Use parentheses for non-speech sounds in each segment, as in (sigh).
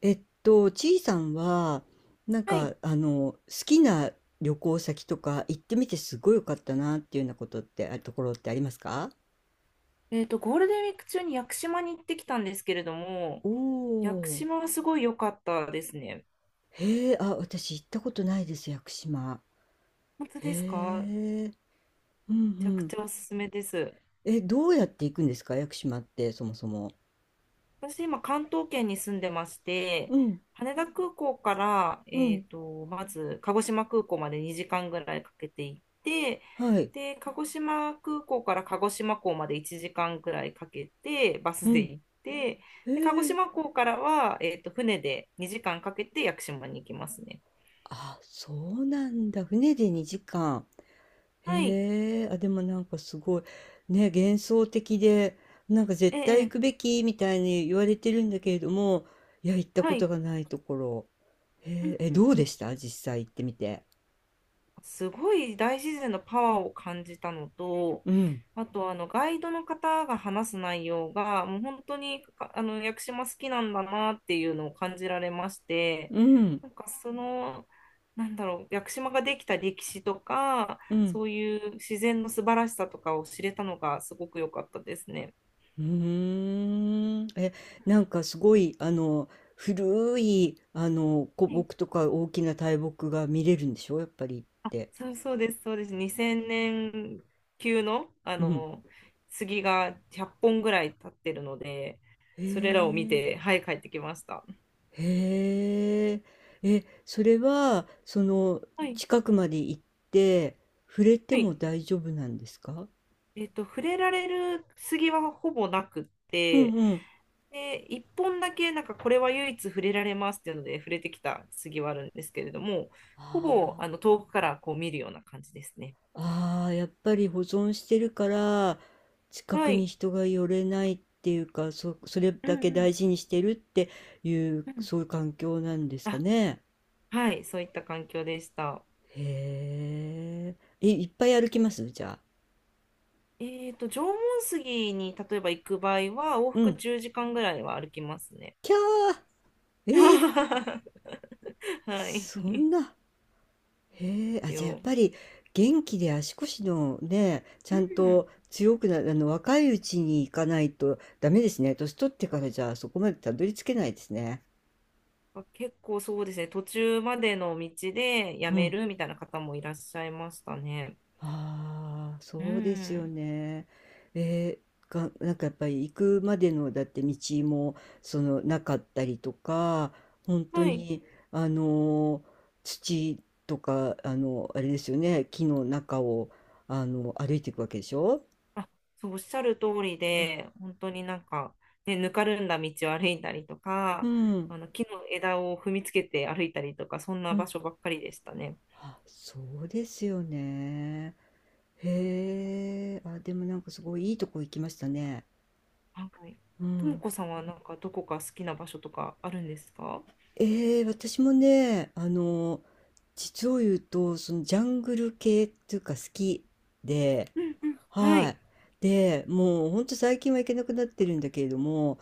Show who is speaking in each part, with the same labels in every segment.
Speaker 1: ちいさんは、なん
Speaker 2: はい。
Speaker 1: か、好きな旅行先とか行ってみてすごい良かったなっていうようなことって、ところってありますか？
Speaker 2: ゴールデンウィーク中に屋久島に行ってきたんですけれども、
Speaker 1: お
Speaker 2: 屋久
Speaker 1: おー。
Speaker 2: 島はすごい良かったですね。
Speaker 1: へえ、あ、私行ったことないです、屋久島。
Speaker 2: 本当です
Speaker 1: へ
Speaker 2: か？め
Speaker 1: え、うんう
Speaker 2: ちゃく
Speaker 1: ん。
Speaker 2: ちゃおすすめです。
Speaker 1: え、どうやって行くんですか、屋久島って、そもそも？
Speaker 2: 私、今、関東圏に住んでまして、
Speaker 1: うん、
Speaker 2: 羽田空港から、
Speaker 1: うん、
Speaker 2: まず、鹿児島空港まで2時間ぐらいかけて行って、
Speaker 1: はい、
Speaker 2: で、鹿児島空港から鹿児島港まで1時間ぐらいかけて、バ
Speaker 1: う
Speaker 2: スで
Speaker 1: ん。
Speaker 2: 行って、
Speaker 1: へ
Speaker 2: で、鹿児
Speaker 1: え、
Speaker 2: 島港からは、船で2時間かけて屋久島に行きますね。
Speaker 1: あ、そうなんだ。船で2時間。
Speaker 2: はい。
Speaker 1: へえ、あ、でもなんかすごい、ね、幻想的で、なんか
Speaker 2: え
Speaker 1: 絶対行
Speaker 2: え、
Speaker 1: くべきみたいに言われてるんだけれども、いや、行った
Speaker 2: は
Speaker 1: こと
Speaker 2: い。
Speaker 1: がないところ。
Speaker 2: う
Speaker 1: へ
Speaker 2: ん
Speaker 1: え、え、
Speaker 2: うん
Speaker 1: どう
Speaker 2: う
Speaker 1: で
Speaker 2: ん。
Speaker 1: した実際行ってみて？
Speaker 2: すごい大自然のパワーを感じたのと、
Speaker 1: うん、
Speaker 2: あとあのガイドの方が話す内容が、もう本当にかあの屋久島好きなんだなっていうのを感じられまして、
Speaker 1: うん、
Speaker 2: なんかその、なんだろう、屋久島ができた歴史とか、
Speaker 1: うん。
Speaker 2: そういう自然の素晴らしさとかを知れたのがすごく良かったですね。
Speaker 1: うーん。え、
Speaker 2: うん。
Speaker 1: なんかすごい、古い、古
Speaker 2: はい。
Speaker 1: 木とか大きな大木が見れるんでしょやっぱり行っ
Speaker 2: あ、
Speaker 1: て。
Speaker 2: そうそうです、そうです。2000年級の、あ
Speaker 1: うん。
Speaker 2: の杉が100本ぐらい立ってるので、
Speaker 1: へ
Speaker 2: それらを見
Speaker 1: え。
Speaker 2: て、はい、帰ってきました。
Speaker 1: へえ。え、それは、
Speaker 2: はい、
Speaker 1: 近くまで行って、触れて
Speaker 2: は
Speaker 1: も
Speaker 2: い。
Speaker 1: 大丈夫なんですか？
Speaker 2: 触れられる杉はほぼなくっ
Speaker 1: うん
Speaker 2: て、
Speaker 1: うん。
Speaker 2: で、1本だけ、なんかこれは唯一触れられますっていうので、触れてきた杉はあるんですけれども、ほぼあ
Speaker 1: あ
Speaker 2: の遠くからこう見るような感じですね。
Speaker 1: ーあー、やっぱり保存してるから、近く
Speaker 2: は
Speaker 1: に
Speaker 2: い。
Speaker 1: 人が寄れないっていうか、それ
Speaker 2: う
Speaker 1: だ
Speaker 2: ん
Speaker 1: け
Speaker 2: うん
Speaker 1: 大事にしてるっていう、
Speaker 2: うん。
Speaker 1: そういう環境なんですか
Speaker 2: あ、
Speaker 1: ね。
Speaker 2: はい、そういった環境でした。
Speaker 1: へえ。え、いっぱい歩きますじゃあ？
Speaker 2: 縄文杉に例えば行く場合は、往
Speaker 1: う
Speaker 2: 復
Speaker 1: ん。
Speaker 2: 10時間ぐらいは歩きますね。
Speaker 1: キャー。えー、
Speaker 2: (laughs) はい。(laughs)
Speaker 1: そ
Speaker 2: で
Speaker 1: んな。へえ、あ、
Speaker 2: す
Speaker 1: じゃあやっ
Speaker 2: よ。
Speaker 1: ぱり元気で足腰のね、ち
Speaker 2: う
Speaker 1: ゃん
Speaker 2: ん。
Speaker 1: と強くな若いうちに行かないとダメですね。年取ってからじゃあそこまでたどり着けないですね。
Speaker 2: 結構そうですね、途中までの道でや
Speaker 1: う
Speaker 2: め
Speaker 1: ん。
Speaker 2: るみたいな方もいらっしゃいましたね。
Speaker 1: ああ、
Speaker 2: う
Speaker 1: そうですよ
Speaker 2: ん。
Speaker 1: ね。えが、なんかやっぱり行くまでのだって道もなかったりとか、本当
Speaker 2: はい。
Speaker 1: にあのー土とかあれですよね、木の中を歩いていくわけでしょ。
Speaker 2: あ、そう、おっしゃる通り
Speaker 1: うん。
Speaker 2: で、本当になんか、ね、ぬかるんだ道を歩いたりと
Speaker 1: う
Speaker 2: か、
Speaker 1: ん
Speaker 2: あの木の枝を踏みつけて歩いたりとか、そん
Speaker 1: う
Speaker 2: な場
Speaker 1: ん。
Speaker 2: 所ばっかりでしたね。
Speaker 1: あ、そうですよね。へえ。あ、でもなんかすごいいいとこ行きましたね。
Speaker 2: はい。
Speaker 1: う
Speaker 2: とも
Speaker 1: ん。
Speaker 2: こさんはなんかどこか好きな場所とかあるんですか？
Speaker 1: ええ、私もね、実を言うと、ジャングル系っていうか好きで、
Speaker 2: うんうん。は
Speaker 1: はい。
Speaker 2: い。
Speaker 1: で、もうほんと最近は行けなくなってるんだけれども、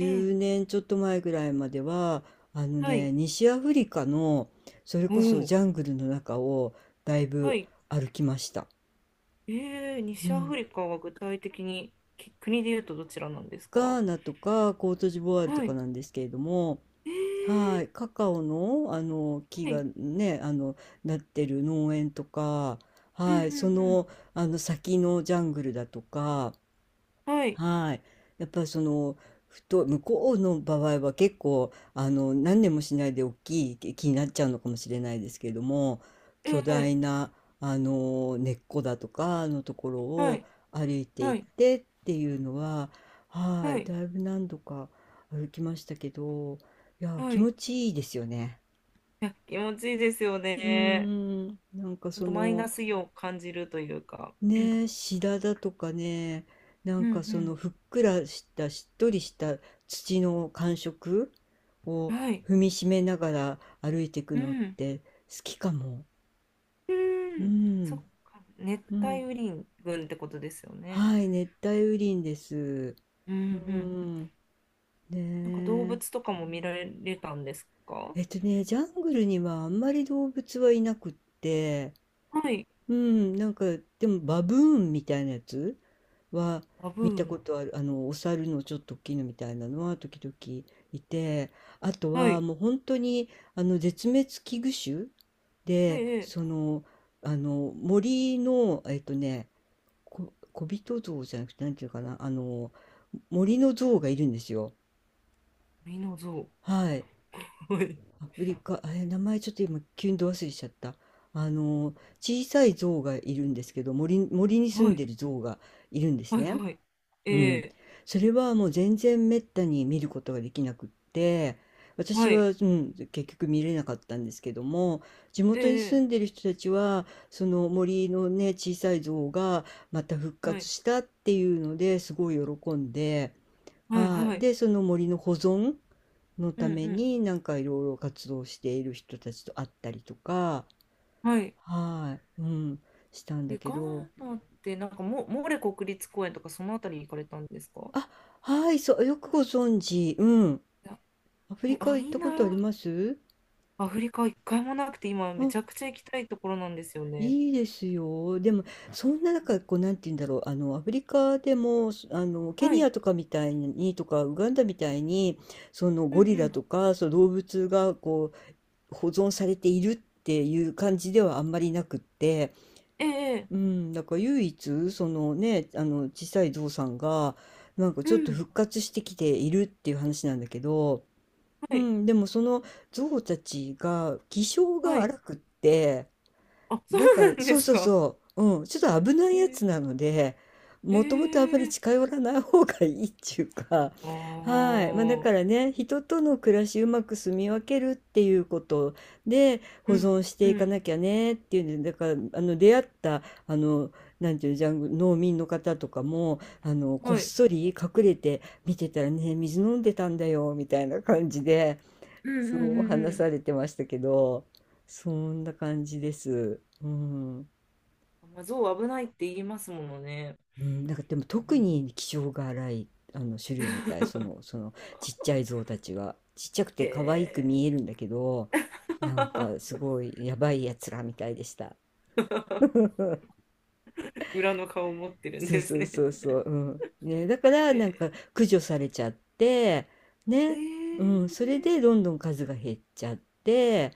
Speaker 2: ええ。
Speaker 1: 年ちょっと前ぐらいまでは、あの
Speaker 2: はい。
Speaker 1: ね、西アフリカの、それ
Speaker 2: お
Speaker 1: こそジ
Speaker 2: お。
Speaker 1: ャングルの中をだい
Speaker 2: は
Speaker 1: ぶ
Speaker 2: い。
Speaker 1: 歩きました。
Speaker 2: ええ、
Speaker 1: う
Speaker 2: 西アフ
Speaker 1: ん。
Speaker 2: リカは具体的に国で言うとどちらなんです
Speaker 1: ガ
Speaker 2: か？
Speaker 1: ーナとかコートジボワールと
Speaker 2: は
Speaker 1: か
Speaker 2: い。
Speaker 1: なんですけれども、
Speaker 2: え
Speaker 1: は
Speaker 2: え。
Speaker 1: い、カカオの、あの木
Speaker 2: は
Speaker 1: が
Speaker 2: い。
Speaker 1: ね、なってる農園とか、
Speaker 2: うん
Speaker 1: は
Speaker 2: う
Speaker 1: い、
Speaker 2: んうん。
Speaker 1: あの先のジャングルだとか、
Speaker 2: はい。
Speaker 1: はい。やっぱりふと、向こうの場合は結構、何年もしないで大きい木になっちゃうのかもしれないですけれども、
Speaker 2: え
Speaker 1: 巨大
Speaker 2: え。
Speaker 1: な、根っこだとかのところ
Speaker 2: は
Speaker 1: を
Speaker 2: い。
Speaker 1: 歩いてい
Speaker 2: は
Speaker 1: っ
Speaker 2: い。
Speaker 1: てっていうのは、は
Speaker 2: は
Speaker 1: い。
Speaker 2: い。
Speaker 1: だいぶ何度か歩きましたけど、いや、
Speaker 2: は
Speaker 1: 気
Speaker 2: い。い
Speaker 1: 持ちいいですよね。
Speaker 2: や、気持ちいいですよ
Speaker 1: うー
Speaker 2: ね。
Speaker 1: ん。なんか
Speaker 2: あとマイナスイオンを感じるというか。うん
Speaker 1: ねえ、白髪とかね、なん
Speaker 2: う
Speaker 1: か
Speaker 2: ん
Speaker 1: ふっくらしたしっとりした土の感触
Speaker 2: う
Speaker 1: を
Speaker 2: ん。はい。
Speaker 1: 踏みしめながら歩いていく
Speaker 2: う
Speaker 1: のっ
Speaker 2: ん。
Speaker 1: て好きかも。
Speaker 2: う
Speaker 1: う
Speaker 2: ーん、そっ
Speaker 1: ん、
Speaker 2: か、熱
Speaker 1: う
Speaker 2: 帯
Speaker 1: ん。
Speaker 2: 雨林群ってことですよね。
Speaker 1: はい、熱帯雨林です。
Speaker 2: う
Speaker 1: う
Speaker 2: んうん。
Speaker 1: ん、
Speaker 2: なんか動
Speaker 1: ね
Speaker 2: 物
Speaker 1: え。
Speaker 2: とかも見られたんですか？
Speaker 1: ね、ジャングルにはあんまり動物はいなくって、
Speaker 2: はい。
Speaker 1: うん、なんかでもバブーンみたいなやつは
Speaker 2: バブ
Speaker 1: 見
Speaker 2: ー
Speaker 1: たこ
Speaker 2: ン。
Speaker 1: とある、あのお猿のちょっと大きいのみたいなのは時々いて、あと
Speaker 2: は
Speaker 1: は
Speaker 2: い。
Speaker 1: もう本当に絶滅危惧種
Speaker 2: え
Speaker 1: で、
Speaker 2: え。
Speaker 1: あの森の、ね、小人像じゃなくてなんていうかな、あの森の像がいるんですよ。
Speaker 2: ミノゾ
Speaker 1: はい。
Speaker 2: ウ。はい。
Speaker 1: アフリカ、え、名前ちょっと今急にど忘れしちゃった。あの、小さい象がいるんですけど、森に住
Speaker 2: は
Speaker 1: ん
Speaker 2: い。
Speaker 1: でる象がいるんです
Speaker 2: はい。
Speaker 1: ね。
Speaker 2: はい。
Speaker 1: う
Speaker 2: え
Speaker 1: ん。
Speaker 2: え。
Speaker 1: それはもう全然滅多に見ることができなくって、私
Speaker 2: はい。
Speaker 1: は、うん、結局見れなかったんですけども、地
Speaker 2: え
Speaker 1: 元に住
Speaker 2: え。
Speaker 1: んでる人たちは、その森のね、小さい像がまた復
Speaker 2: は
Speaker 1: 活
Speaker 2: い。
Speaker 1: したっていうのですごい喜んで、
Speaker 2: はい。
Speaker 1: は
Speaker 2: は
Speaker 1: い、
Speaker 2: い。
Speaker 1: で、その森の保存の
Speaker 2: う
Speaker 1: た
Speaker 2: ん
Speaker 1: め
Speaker 2: うん。
Speaker 1: になんかいろいろ活動している人たちと会ったりとか、
Speaker 2: はい。
Speaker 1: はい、うん、したんだ
Speaker 2: え、
Speaker 1: け
Speaker 2: ガー
Speaker 1: ど、
Speaker 2: ナって、なんかモレ国立公園とかそのあたり行かれたんですか？
Speaker 1: あ、はい、そう、よくご存知、うん、
Speaker 2: いや、
Speaker 1: アフ
Speaker 2: そ
Speaker 1: リ
Speaker 2: う、
Speaker 1: カ
Speaker 2: あ、
Speaker 1: 行っ
Speaker 2: いい
Speaker 1: た
Speaker 2: な。
Speaker 1: ことあります？
Speaker 2: アフリカ一回もなくて、今め
Speaker 1: あ、
Speaker 2: ちゃくちゃ行きたいところなんですよね。
Speaker 1: いいですよ。でも、そんな中、こう、なんて言うんだろう、アフリカでも、そあの、ケ
Speaker 2: は
Speaker 1: ニ
Speaker 2: い。
Speaker 1: アとかみたいに、とか、ウガンダみたいに、その
Speaker 2: うん
Speaker 1: ゴリ
Speaker 2: う
Speaker 1: ラと
Speaker 2: ん。
Speaker 1: か、そう、動物が、こう、保存されているっていう感じではあんまりなくって、
Speaker 2: ええ、え
Speaker 1: う
Speaker 2: え。
Speaker 1: ん、だから唯一そのね小さいゾウさんがなんか
Speaker 2: う
Speaker 1: ちょっと
Speaker 2: ん。
Speaker 1: 復活してきているっていう話なんだけど、
Speaker 2: は
Speaker 1: う
Speaker 2: い、
Speaker 1: ん、でもそのゾウたちが気性
Speaker 2: は
Speaker 1: が
Speaker 2: い。
Speaker 1: 荒くって
Speaker 2: あ、そ
Speaker 1: なん
Speaker 2: う
Speaker 1: か、
Speaker 2: なんで
Speaker 1: そう
Speaker 2: す
Speaker 1: そう
Speaker 2: か。
Speaker 1: そう、うん、ちょっと危ないやつ
Speaker 2: え
Speaker 1: なので、
Speaker 2: え、
Speaker 1: もともとあ
Speaker 2: え
Speaker 1: まり
Speaker 2: え。
Speaker 1: 近寄らない方がいいっていうか、
Speaker 2: あ
Speaker 1: はい。まあだから
Speaker 2: あ、
Speaker 1: ね、人との暮らしうまく住み分けるっていうことで
Speaker 2: う
Speaker 1: 保存
Speaker 2: ん、
Speaker 1: し
Speaker 2: う
Speaker 1: ていか
Speaker 2: ん。
Speaker 1: なきゃねっていうんで、だから、出会った、あの、なんていうの、ジャングル、農民の方とかも、こっ
Speaker 2: はい。
Speaker 1: そり隠れて見てたらね、水飲んでたんだよ、みたいな感じで、
Speaker 2: うん、うん、
Speaker 1: そう
Speaker 2: うん、う
Speaker 1: 話
Speaker 2: ん。
Speaker 1: されてましたけど、そんな感じです。うん。
Speaker 2: まあ、象危ないって言いますものね。
Speaker 1: うん、なんかでも
Speaker 2: う
Speaker 1: 特
Speaker 2: ん。
Speaker 1: に気性が荒いあの種類みたい、そのちっちゃい象たちは。ちっちゃく
Speaker 2: へ
Speaker 1: て可愛く
Speaker 2: え。
Speaker 1: 見えるんだけど、なんかす
Speaker 2: (laughs)
Speaker 1: ごいやばいやつらみたいでした。
Speaker 2: 裏の顔を持ってるん
Speaker 1: そう
Speaker 2: です
Speaker 1: そう
Speaker 2: ね。
Speaker 1: そうそう、うん。ね、だから
Speaker 2: へ
Speaker 1: なん
Speaker 2: え、
Speaker 1: か駆除されちゃって、
Speaker 2: え
Speaker 1: ね、うん、そ
Speaker 2: え、
Speaker 1: れでどんどん数が減っちゃって、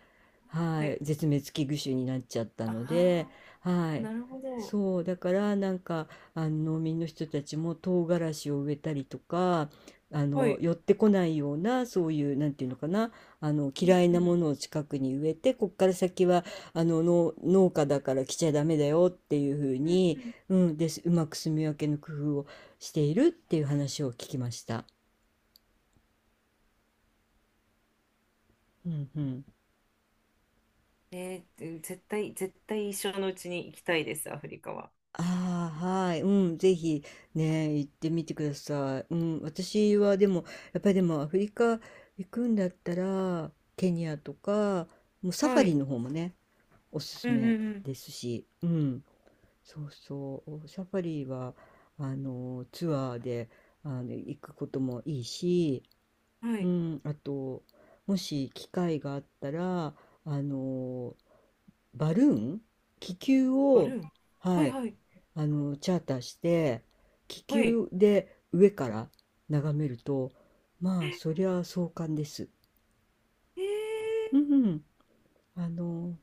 Speaker 2: は
Speaker 1: はい、
Speaker 2: い。
Speaker 1: 絶滅危惧種になっちゃったので、
Speaker 2: あ
Speaker 1: は
Speaker 2: あ、
Speaker 1: い、
Speaker 2: なるほど。
Speaker 1: そう、だからなんか、農民の人たちも唐辛子を植えたりとか、
Speaker 2: はい。
Speaker 1: 寄ってこないようなそういうなんていうのかな
Speaker 2: う
Speaker 1: 嫌
Speaker 2: ん
Speaker 1: い
Speaker 2: う
Speaker 1: な
Speaker 2: ん。
Speaker 1: ものを近くに植えてこっから先は農家だから来ちゃダメだよっていうふう
Speaker 2: うんう
Speaker 1: に
Speaker 2: ん。
Speaker 1: うん、です。うまく住み分けの工夫をしているっていう話を聞きました。うんうん。
Speaker 2: 絶対、絶対一生のうちに行きたいです、アフリカは。
Speaker 1: ああ、はい。うん、ぜひね、行ってみてください。うん、私はでも、やっぱりでもアフリカ行くんだったら、ケニアとか、もうサフ
Speaker 2: は
Speaker 1: ァリ
Speaker 2: い。
Speaker 1: の方もね、おす
Speaker 2: う
Speaker 1: す
Speaker 2: ん
Speaker 1: め
Speaker 2: うんうん。
Speaker 1: ですし、うん、そうそう、サファリは、ツアーで、行くこともいいし、
Speaker 2: は
Speaker 1: う
Speaker 2: い。
Speaker 1: ん、あと、もし機会があったら、あの、バルーン、気球
Speaker 2: バル
Speaker 1: を、
Speaker 2: ーン。は
Speaker 1: は
Speaker 2: い
Speaker 1: い、
Speaker 2: はい。
Speaker 1: チャーターして、気
Speaker 2: はい。
Speaker 1: 球で上から眺めると、まあ、そりゃ壮観です。
Speaker 2: え
Speaker 1: うん
Speaker 2: ー。
Speaker 1: うんあの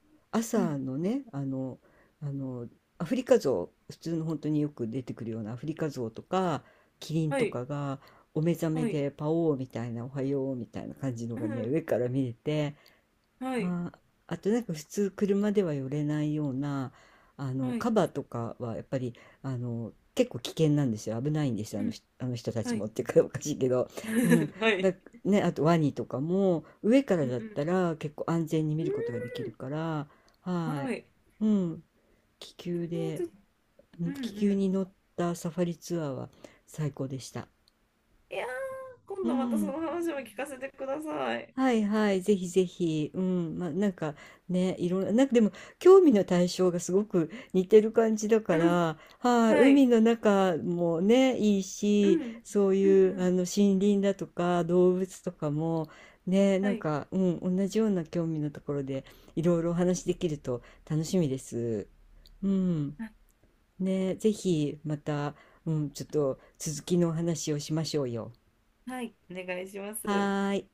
Speaker 2: う
Speaker 1: 朝
Speaker 2: ん。
Speaker 1: のねあのアフリカゾウ、普通の本当によく出てくるようなアフリカゾウとかキリン
Speaker 2: は
Speaker 1: と
Speaker 2: い。
Speaker 1: かがお目覚め
Speaker 2: はい。
Speaker 1: で「パオー」みたいな「おはよう」みたいな感じの
Speaker 2: う
Speaker 1: がね
Speaker 2: ん。
Speaker 1: 上から見れて、
Speaker 2: はい。
Speaker 1: はあとなんか普通車では寄れないような
Speaker 2: は
Speaker 1: カ
Speaker 2: い。
Speaker 1: バーとかはやっぱり結構危険なんですよ、危ないんですよ、
Speaker 2: うん。
Speaker 1: あの人た
Speaker 2: は
Speaker 1: ちも
Speaker 2: い。
Speaker 1: っていうか (laughs) おかしいけど、うん、
Speaker 2: (laughs) は
Speaker 1: だ
Speaker 2: い。
Speaker 1: ね、あとワニとかも上から
Speaker 2: う
Speaker 1: だっ
Speaker 2: ん
Speaker 1: たら結構安全に見ることができるから、
Speaker 2: うん。
Speaker 1: はい、
Speaker 2: はい。
Speaker 1: うん、気球
Speaker 2: ー
Speaker 1: で
Speaker 2: と、
Speaker 1: う
Speaker 2: う
Speaker 1: ん
Speaker 2: ん
Speaker 1: 気
Speaker 2: う
Speaker 1: 球
Speaker 2: ん。
Speaker 1: に乗ったサファリツアーは最高でした。
Speaker 2: いやー、今
Speaker 1: う
Speaker 2: 度またその
Speaker 1: ん、
Speaker 2: 話も聞かせてください。
Speaker 1: はいはい、ぜひぜひ、うん、まあ、なんかね、いろんな、なんかでも興味の対象がすごく似てる感じだ
Speaker 2: う
Speaker 1: か
Speaker 2: ん。
Speaker 1: ら、はい、
Speaker 2: は
Speaker 1: 海
Speaker 2: い。
Speaker 1: の中もね、いい
Speaker 2: う
Speaker 1: し、
Speaker 2: ん。
Speaker 1: そう
Speaker 2: うん
Speaker 1: いう
Speaker 2: うん。
Speaker 1: 森林だとか動物とかも、ね、
Speaker 2: は
Speaker 1: なん
Speaker 2: い。
Speaker 1: か、うん、同じような興味のところでいろいろお話できると楽しみです。うん、
Speaker 2: あ、
Speaker 1: ね、ぜひまた、うん、ちょっと続きのお話をしましょうよ。
Speaker 2: はい。お願いします。
Speaker 1: はーい。